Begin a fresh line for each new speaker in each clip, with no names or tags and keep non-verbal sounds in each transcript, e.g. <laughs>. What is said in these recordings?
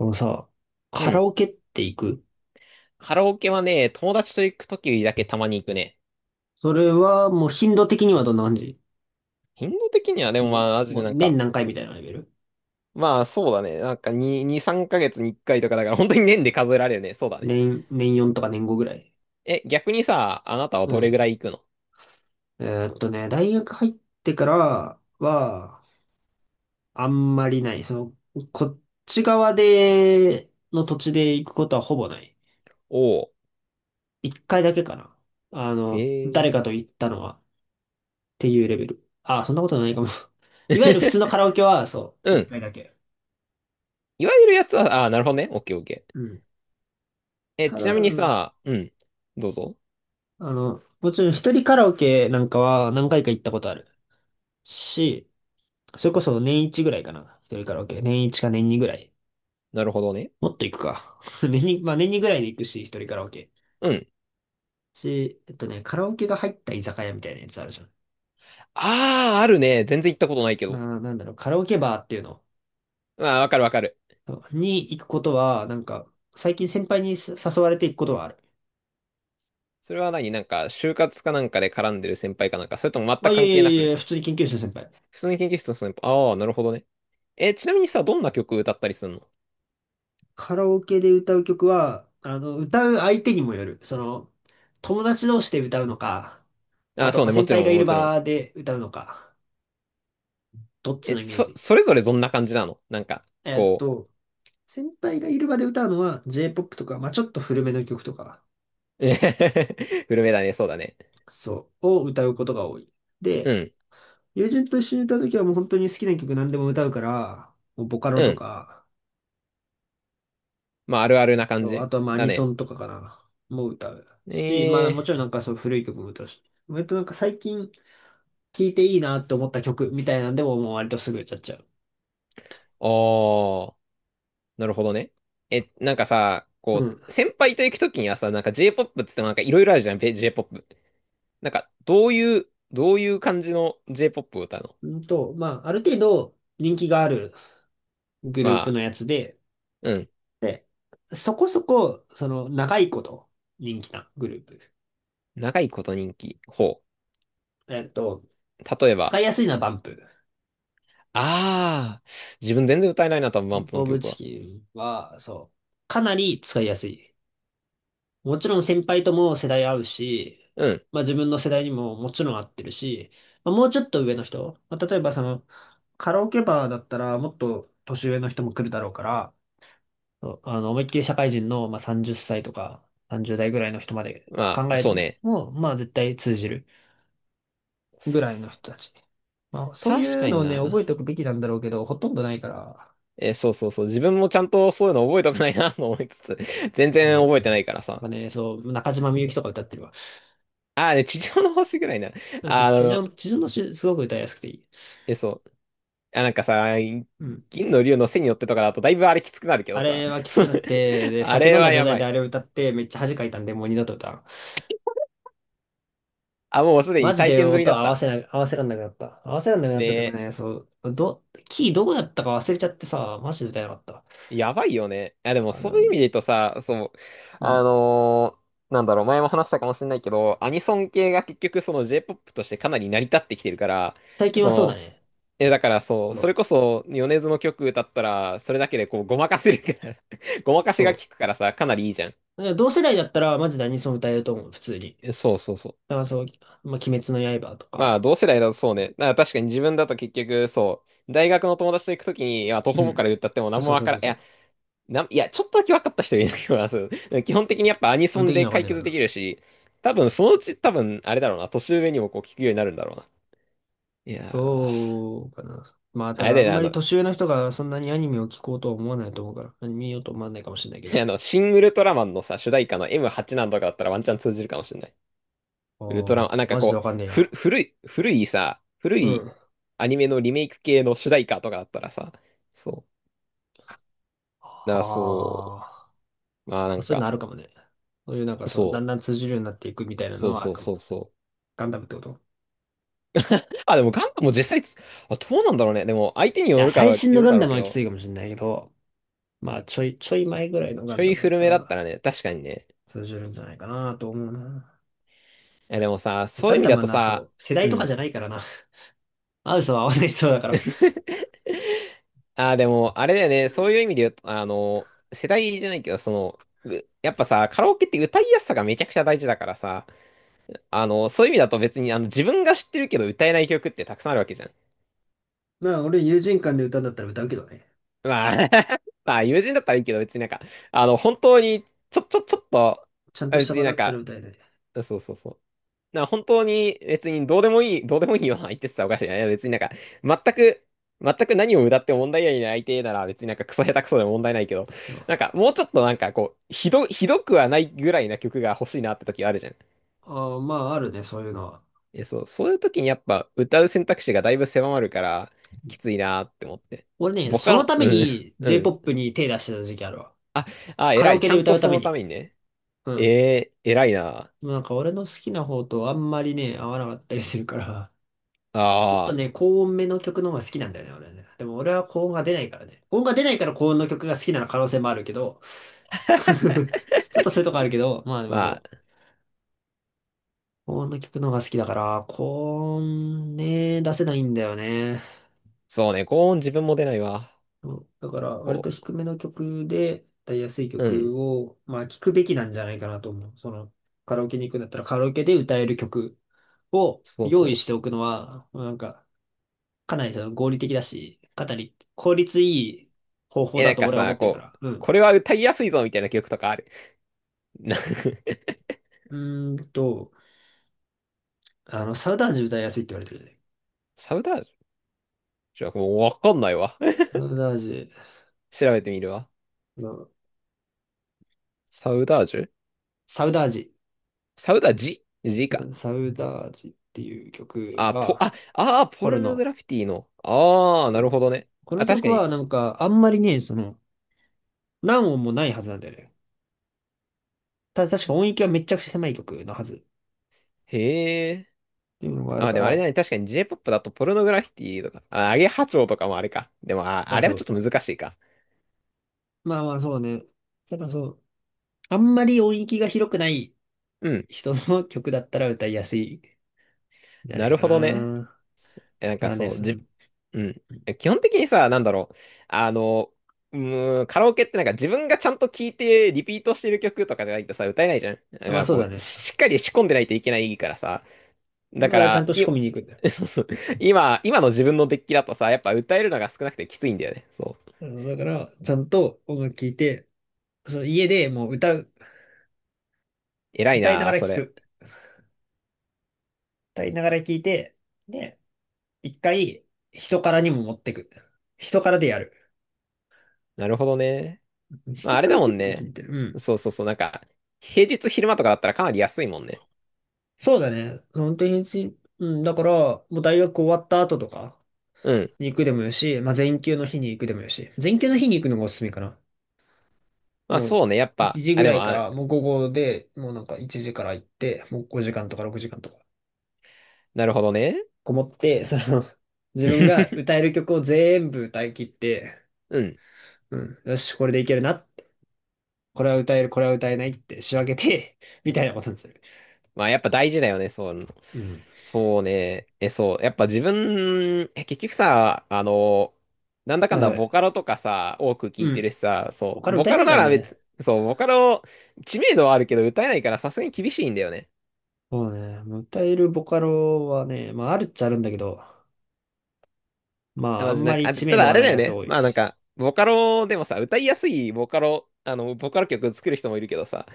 あのさ、
う
カラ
ん。
オケって行く？
カラオケはね、友達と行くときだけたまに行くね。
それはもう頻度的にはどんな感じ？
頻度的にはでも
もう、
まあ、マジ
も
で
う
なん
年
か、
何回みたいなレベル？
まあそうだね。なんか2、2、3ヶ月に1回とかだから本当に年で数えられるね。そうだね。
年4とか年5ぐらい。
え、逆にさ、あなたは
う
どれぐら
ん。
い行くの？
大学入ってからは、あんまりない。こっち側で、の土地で行くことはほぼない。
おお
一回だけかな。
ー。へ
誰か
え。
と行ったのは、っていうレベル。あ、そんなことないかも。<laughs> いわゆる普通の
<laughs>
カラオケは、そう、
う
一
ん。
回だけ。
いわゆるやつは、あーなるほどね。オッケーオッケー。
うん。
え、
た
ちな
だ、
みにさ、うん。どうぞ。
もちろん一人カラオケなんかは何回か行ったことあるし、それこそ年一ぐらいかな。一人カラオケ。年一か年二ぐらい。
なるほどね。
もっと行くか。<laughs> 年に、まあ年二ぐらいで行くし、一人カラオケ。
うん。
し、えっとね、カラオケが入った居酒屋みたいなやつあるじゃん。
ああ、あるね。全然行ったことないけど。
なんだろう、カラオケバーっていうの
まあ、わかるわかる。
に行くことは、なんか、最近先輩に誘われて行くことはある。
それは何？なんか、就活かなんかで絡んでる先輩かなんか、それとも全
あ、
く
いやい
関
や
係な
いやい
く。
や、普通に研究室の先輩。
普通に研究室の人に、ああ、なるほどね。え、ちなみにさ、どんな曲歌ったりするの？
カラオケで歌う曲は、歌う相手にもよる。友達同士で歌うのか、
あ
あ
あ、
と、
そう
まあ、
ね、も
先
ち
輩
ろ
が
ん、
い
も
る
ちろん。
場で歌うのか、どっち
え、
のイメー
そ、
ジ？
それぞれどんな感じなの？なんか、
えっ
こう、
と、先輩がいる場で歌うのは J-POP とか、まあ、ちょっと古めの曲とか、
<laughs> 古めだね、そうだね。
そう、を歌うことが多い。
う
で、
ん、
友人と一緒に歌うときはもう本当に好きな曲何でも歌うから、もうボカロ
う
と
ん。
か、
まあ、あるあるな感
そうあ
じ
とはまあア
だ
ニソ
ね。
ンとかかな、もう歌う。し、まあ
え
もちろんなんかそう古い曲も歌うし。割となんか最近聴いていいなって思った曲みたいなんでももう割とすぐ歌っちゃう。
ああ、なるほどね。え、なんかさ、
う
こ
ん。
う、先輩と行くときにはさ、なんか J-POP っつってもなんかいろいろあるじゃん、J-POP。なんか、どういう感じの J-POP を歌うの？
まあ、ある程度人気があるグ
ま
ループ
あ、
のやつで、
うん。
で、そこそこ、長いこと人気なグループ。
長いこと人気。ほ
えっと、
う。例え
使
ば、
いやすいのはバンプ。
ああ、自分全然歌えないな、多分、バンプ
ボ
の
ブ
曲
チ
は。
キンは、そう、かなり使いやすい。もちろん先輩とも世代合うし、
うん。
まあ自分の世代にももちろん合ってるし、まあ、もうちょっと上の人、まあ、例えばカラオケバーだったらもっと年上の人も来るだろうから、そう思いっきり社会人の、まあ、30歳とか30代ぐらいの人まで
ま
考
あ、
えて
そうね。
も、まあ絶対通じるぐらいの人たち。まあそうい
確か
う
に
のをね、
な。
覚えておくべきなんだろうけど、ほとんどないから、
え、そうそうそう。自分もちゃんとそういうの覚えたくないな、と思いつつ、<laughs> 全然
もう、
覚えてないからさ。
まあね、そう、中島みゆきとか歌ってるわ。
ああ、で、地上の星ぐらいな。
そう
あ
地
の、
上、地上の詩、すごく歌いやすくていい。
え、そう。あ、なんかさ、
うん。
銀の竜の背に乗ってとかだと、だいぶあれきつくなるけど
あ
さ。
れはきつくなって、
<laughs>
で、
あ
酒
れ
飲んだ
は
状
や
態
ば
で
い。
あれを歌って、めっちゃ恥かいたんで、もう二度と歌わん。
あ、もうすで
マ
に
ジ
体
で
験済み
音
だっ
合わ
た。
せな、合わせらんなくなった。合わせらんなくなっ
ね、
たとかね、そう、キーどこだったか忘れちゃってさ、マジで歌えなかった。
やばいよね。いや、でも、
あれ
そう
は
いう意味
ね。
で言うとさ、そう、
うん。
なんだろう、前も話したかもしれないけど、アニソン系が結局、その J-POP としてかなり成り立ってきてるから、
最近
そ
はそうだ
の、
ね。
え、だからそう、
も
そ
う、
れこそ、米津の曲歌ったら、それだけでこう、ごまかせるから <laughs> ごまかしが効
そ
くからさ、かなりいいじゃん。
う。だから同世代だったら、マジ何その歌えると思う、普通に。
え、そうそうそう。
だからそう、まあ、鬼滅の刃と
まあ、
か。
同世代だとそうね。だから確かに自分だと結局、そう、大学の友達と行くときに、いや、徒
う
歩か
ん。
ら歌っても
あ、
何も
そう
わ
そう
か
そ
ら
うそ
ん。
う。
な、いや、ちょっとだけ分かった人いるけど、<laughs> そう基本的にやっぱアニ
基
ソ
本
ン
的に
で
はわ
解
かんない
決
から
でき
な。
るし、多分そのうち多分、あれだろうな、年上にもこう聞くようになるんだろうな。いやー、
そうかな。まあ、た
あれ
だ
だ
あ
よ
ん
ね、
ま
あ
り
の、
年上の人がそんなにアニメを聞こうとは思わないと思うから、アニメ見ようと思わないかもしれないけ
<laughs>
ど。
あの、シン・ウルトラマンのさ、主題歌の M8 なんとかだったらワンチャン通じるかもしれない。
あ
ウルトラマ
あ、
ン、あ、なんか
マジで
こ
わ
う、
かんねえ
ふ、
や。
古い、古いさ、古
う
い
ん。あ
アニメのリメイク系の主題歌とかだったらさ、そう。だからそ
あ。
う、まあな
まあ、
ん
そういうの
か、
あるかもね。そういうなんか
そ
だ
う、
んだん通じるようになっていくみたいな
そ
の
う
はあ
そ
る
う
かも。
そうそう。
ガンダムってこと？
あ、でもガンダムも実際つ、あ、どうなんだろうね。でも相手に
い
よ
や、
るか
最
ら、よ
新の
る
ガ
だ
ン
ろ
ダ
う
ム
け
はきつ
ど、
いかもしれないけど、まあ、ちょい前ぐらいのガ
ちょ
ンダ
い
ムだっ
古
た
めだっ
ら
たらね、確かにね。
通じるんじゃないかなと思うな。
え、でもさ、そう
ガ
いう意
ン
味
ダム
だ
は
と
な、
さ、
そう、世代
う
とか
ん。
じゃないからな。合う人は合わない人だから。
<laughs> ああでも、あれだよね、
う
そう
ん
いう意味で言うと、あの、世代じゃないけど、その、うやっぱさ、カラオケって歌いやすさがめちゃくちゃ大事だからさ、あの、そういう意味だと別に、あの、自分が知ってるけど歌えない曲ってたくさんあるわけじゃん。
まあ、俺、友人間で歌うんだったら歌うけどね。
まあ、<laughs> まあ、友人だったらいいけど、別になんか、あの、本当に、ちょっと、
ちゃんと
あ、
した
別に
場
な
だ
ん
ったら
か、
歌えない。
そうそうそう。な、本当に別にどうでもいい、どうでもいいような相手って言ったらおかしいな。いや別になんか、全く、全く何を歌っても問題ない相手なら別になんかクソ下手くそでも問題ないけど、なんか
あ
もうちょっとなんかこう、ひどくはないぐらいな曲が欲しいなって時あるじゃん。
あー、まあ、あるね、そういうのは。
え、そう、そういう時にやっぱ歌う選択肢がだいぶ狭まるから、きついなって思って。
俺ね、
ボ
そ
カ
の
ロ、
ため
うん、
に
うん。
J-POP に手出してた時期あるわ。
あ、あ、
カラ
偉
オ
い。
ケ
ち
で
ゃん
歌
と
うた
そ
め
のた
に。
めにね。
うん。
偉いな。
なんか俺の好きな方とあんまりね、合わなかったりするから。ちょっと
ああ、
ね、高音めの曲の方が好きなんだよね、俺はね。でも俺は高音が出ないからね。高音が出ないから高音の曲が好きな可能性もあるけど、<laughs> ちょっとそういうとこあるけど、まあでもそ
まあ、
う。高音の曲の方が好きだから、高音ね、出せないんだよね。
そうね、高音自分も出ないわ。
そうだから割と
こ
低めの曲で、歌いやすい
う、うん。
曲を、まあ聞くべきなんじゃないかなと思う。カラオケに行くんだったらカラオケで歌える曲を
そうそ
用意
う。
しておくのは、なんか、かなり合理的だし、かなり効率いい方法
え、な
だ
ん
と
か
俺は思
さ、
ってるか
こ
ら。
う、
う
こ
ん。
れは歌いやすいぞみたいな曲とかある？な <laughs>
うーんと、サウダージ歌いやすいって言われてるじゃない。
サウダージュじゃあもうわかんないわ。
サ
<laughs>
ウダージ、
調べてみるわ。
の
サウダージュ
サウダージ、
サウダージジ
う
か。
んサウダージっていう曲
あ、ポ、
が、
あ、あー、ポ
これ
ルノグラ
の、
フィティの。ああ、
う
なる
ん
ほどね。
この
あ、確
曲
か
は
に。
なんかあんまりね、何音もないはずなんだよね。確か音域はめちゃくちゃ狭い曲のはずっ
へえ。
ていうのがある
あ、
か
でもあれだ
ら、
ね。確かに J-POP だとポルノグラフィティとか、あ、アゲハチョウとかもあれか。でも、あ、
あ、
あれ
そ
はちょっ
う。
と難しいか。
まあまあそうね。ただそう、あんまり音域が広くない
うん、
人の曲だったら歌いやすい。じゃな
な
い
る
か
ほどね。
な。
そえなん
た
か
だね、
そう、じ、うん。え、基本的にさ、なんだろう。あの、うカラオケってなんか自分がちゃんと聴いてリピートしてる曲とかじゃないとさ、歌えないじゃん。なん
あまあ
か
そうだ
こう、
ね。
しっかり仕込んでないといけないからさ。
だ
だ
か
か
らちゃん
ら、
と仕込みに行くんだよ。
<laughs> そうそう。今の自分のデッキだとさ、やっぱ歌えるのが少なくてきついんだよね。そう。
だから、ちゃんと音楽聴いて、その家でもう歌う、
偉い
歌いな
な
が
あ、
ら
そ
聴
れ。
く。歌いながら聴いて、で、一回、人からにも持ってく。人からでやる。
なるほどね。まあ、
人
あれ
か
だ
ら
もん
結構聞
ね。
いてる。うん。
そうそうそう。なんか、平日昼間とかだったらかなり安いもんね。
そうだね。本当にし、うん、だから、もう大学終わった後とか
うん。
に行くでもよし、まあ前休の日に行くでもよし。前休の日に行くのがおすすめかな。
まあ、
もう
そうね。やっ
1
ぱ、
時
あ、
ぐ
で
ら
も、
いか
あ、
ら、もう午後で、もうなんか1時から行って、もう5時間とか6時間とか、
なるほどね。
こもって、自分が歌
<laughs>
える曲を全部歌い切って、
うん。
うん、よし、これでいけるなって、これは歌える、これは歌えないって仕分けて、<laughs> みたいなことにする。
まあやっぱ大事だよね、そういうの。
うん。
そうね。え、そう。やっぱ自分、え、結局さ、あの、なんだか
は
ん
い
だ
はい。
ボカロとかさ、多く聞
う
いて
ん。
るしさ、
ボ
そ
カ
う。
ロ
ボ
歌え
カ
な
ロ
いか
な
ら
ら
ね。
別、そう、ボカロ、知名度はあるけど歌えないからさすがに厳しいんだよね。
そうね。もう歌えるボカロはね、まああるっちゃあるんだけど、ま
いや
ああ
マジ
ん
な
ま
んか、
り
あれ、
知
た
名度
だあ
が
れ
ない
だよ
やつ
ね。
多い
まあなん
し。
か、ボカロでもさ、歌いやすいボカロ、あの、ボカロ曲作る人もいるけどさ、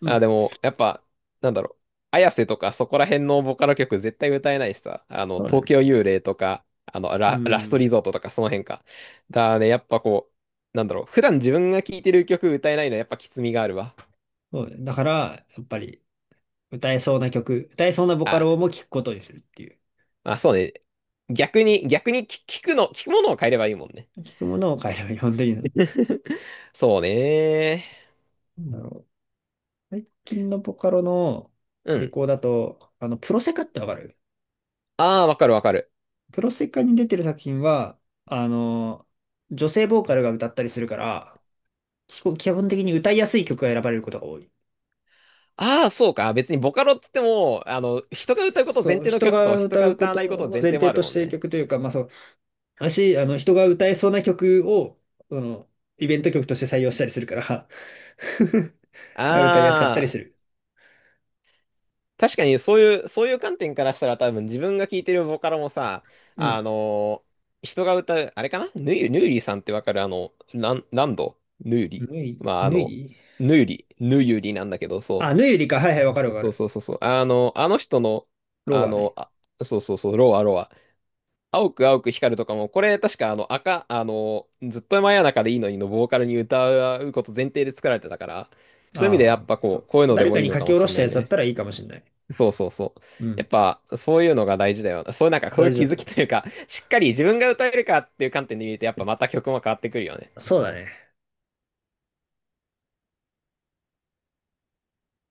う
まあ、
ん。
でも、やっぱ、なんだろう、あやせとかそこら辺のボカロ曲絶対歌えないしさ、あの、
そうだ
東
ね。
京幽霊とか、あの、
う
ラ、ラスト
ん。
リゾートとかその辺か。だね、やっぱこう、なんだろう、普段自分が聴いてる曲歌えないのはやっぱきつみがあるわ。
そうだね。だから、やっぱり、歌えそうな曲、歌えそうなボカ
あ、
ロも聞くことにするっていう。
まあそうね。逆に聞くものを変えればいいもんね。
聞くものを変えれば本当に、な
<laughs> そうね。
んだろう。最近のボカロの
う
傾
ん。
向だと、プロセカってわかる？
ああ、わかるわかる。
プロセカに出てる作品は、あの、女性ボーカルが歌ったりするから、基本的に歌いやすい曲が選ばれることが多い。
ああ、そうか。別にボカロっつっても、あの、人が歌うこと前
そう、
提の
人
曲と
が
人
歌
が
うこ
歌わ
と
ないこと
を
前
前
提も
提
ある
と
も
し
ん
てる
ね。
曲というか、まあそう、私、人が歌えそうな曲を、あの、イベント曲として採用したりするから <laughs> 歌いやすかったり
あ
す
あ、
る。
確かにそういう、そういう観点からしたら多分自分が聴いてるボカロもさ、
う
あ
ん。
のー人が歌う、あれかな、ヌーリーさんってわかる？あの、ラン、ランドヌーリ
ぬい、
ー。まあ、あ
ぬ
の、
い
ヌーリー、ヌーユリなんだけど、そ
あ、ぬゆりか。はいはい、わか
う。
るわ
そ
か
うそ
る。
うそうそう。あの、あの人の、
ロ
あ
は
の、
ね。
あ、そうそうそう、ロアロア、青く青く光るとかも、これ確かあの赤、あの、ずっと真夜中でいいのにのボーカルに歌うこと前提で作られてたから、そういう意味でや
あ
っ
あ、
ぱ
そ
こう、
う。
こういうので
誰
も
か
いい
に
の
書き
かも
下ろ
しれ
した
ない
やつだっ
ね。
たらいいかもしれない。
そうそうそう。
う
やっ
ん。
ぱそういうのが大事だよな。そういうなんかそうい
大
う
事
気
だと
づ
思
きというか、しっかり自分が歌えるかっていう観点で見るとやっぱまた曲も変わってくるよね。
う。そうだね。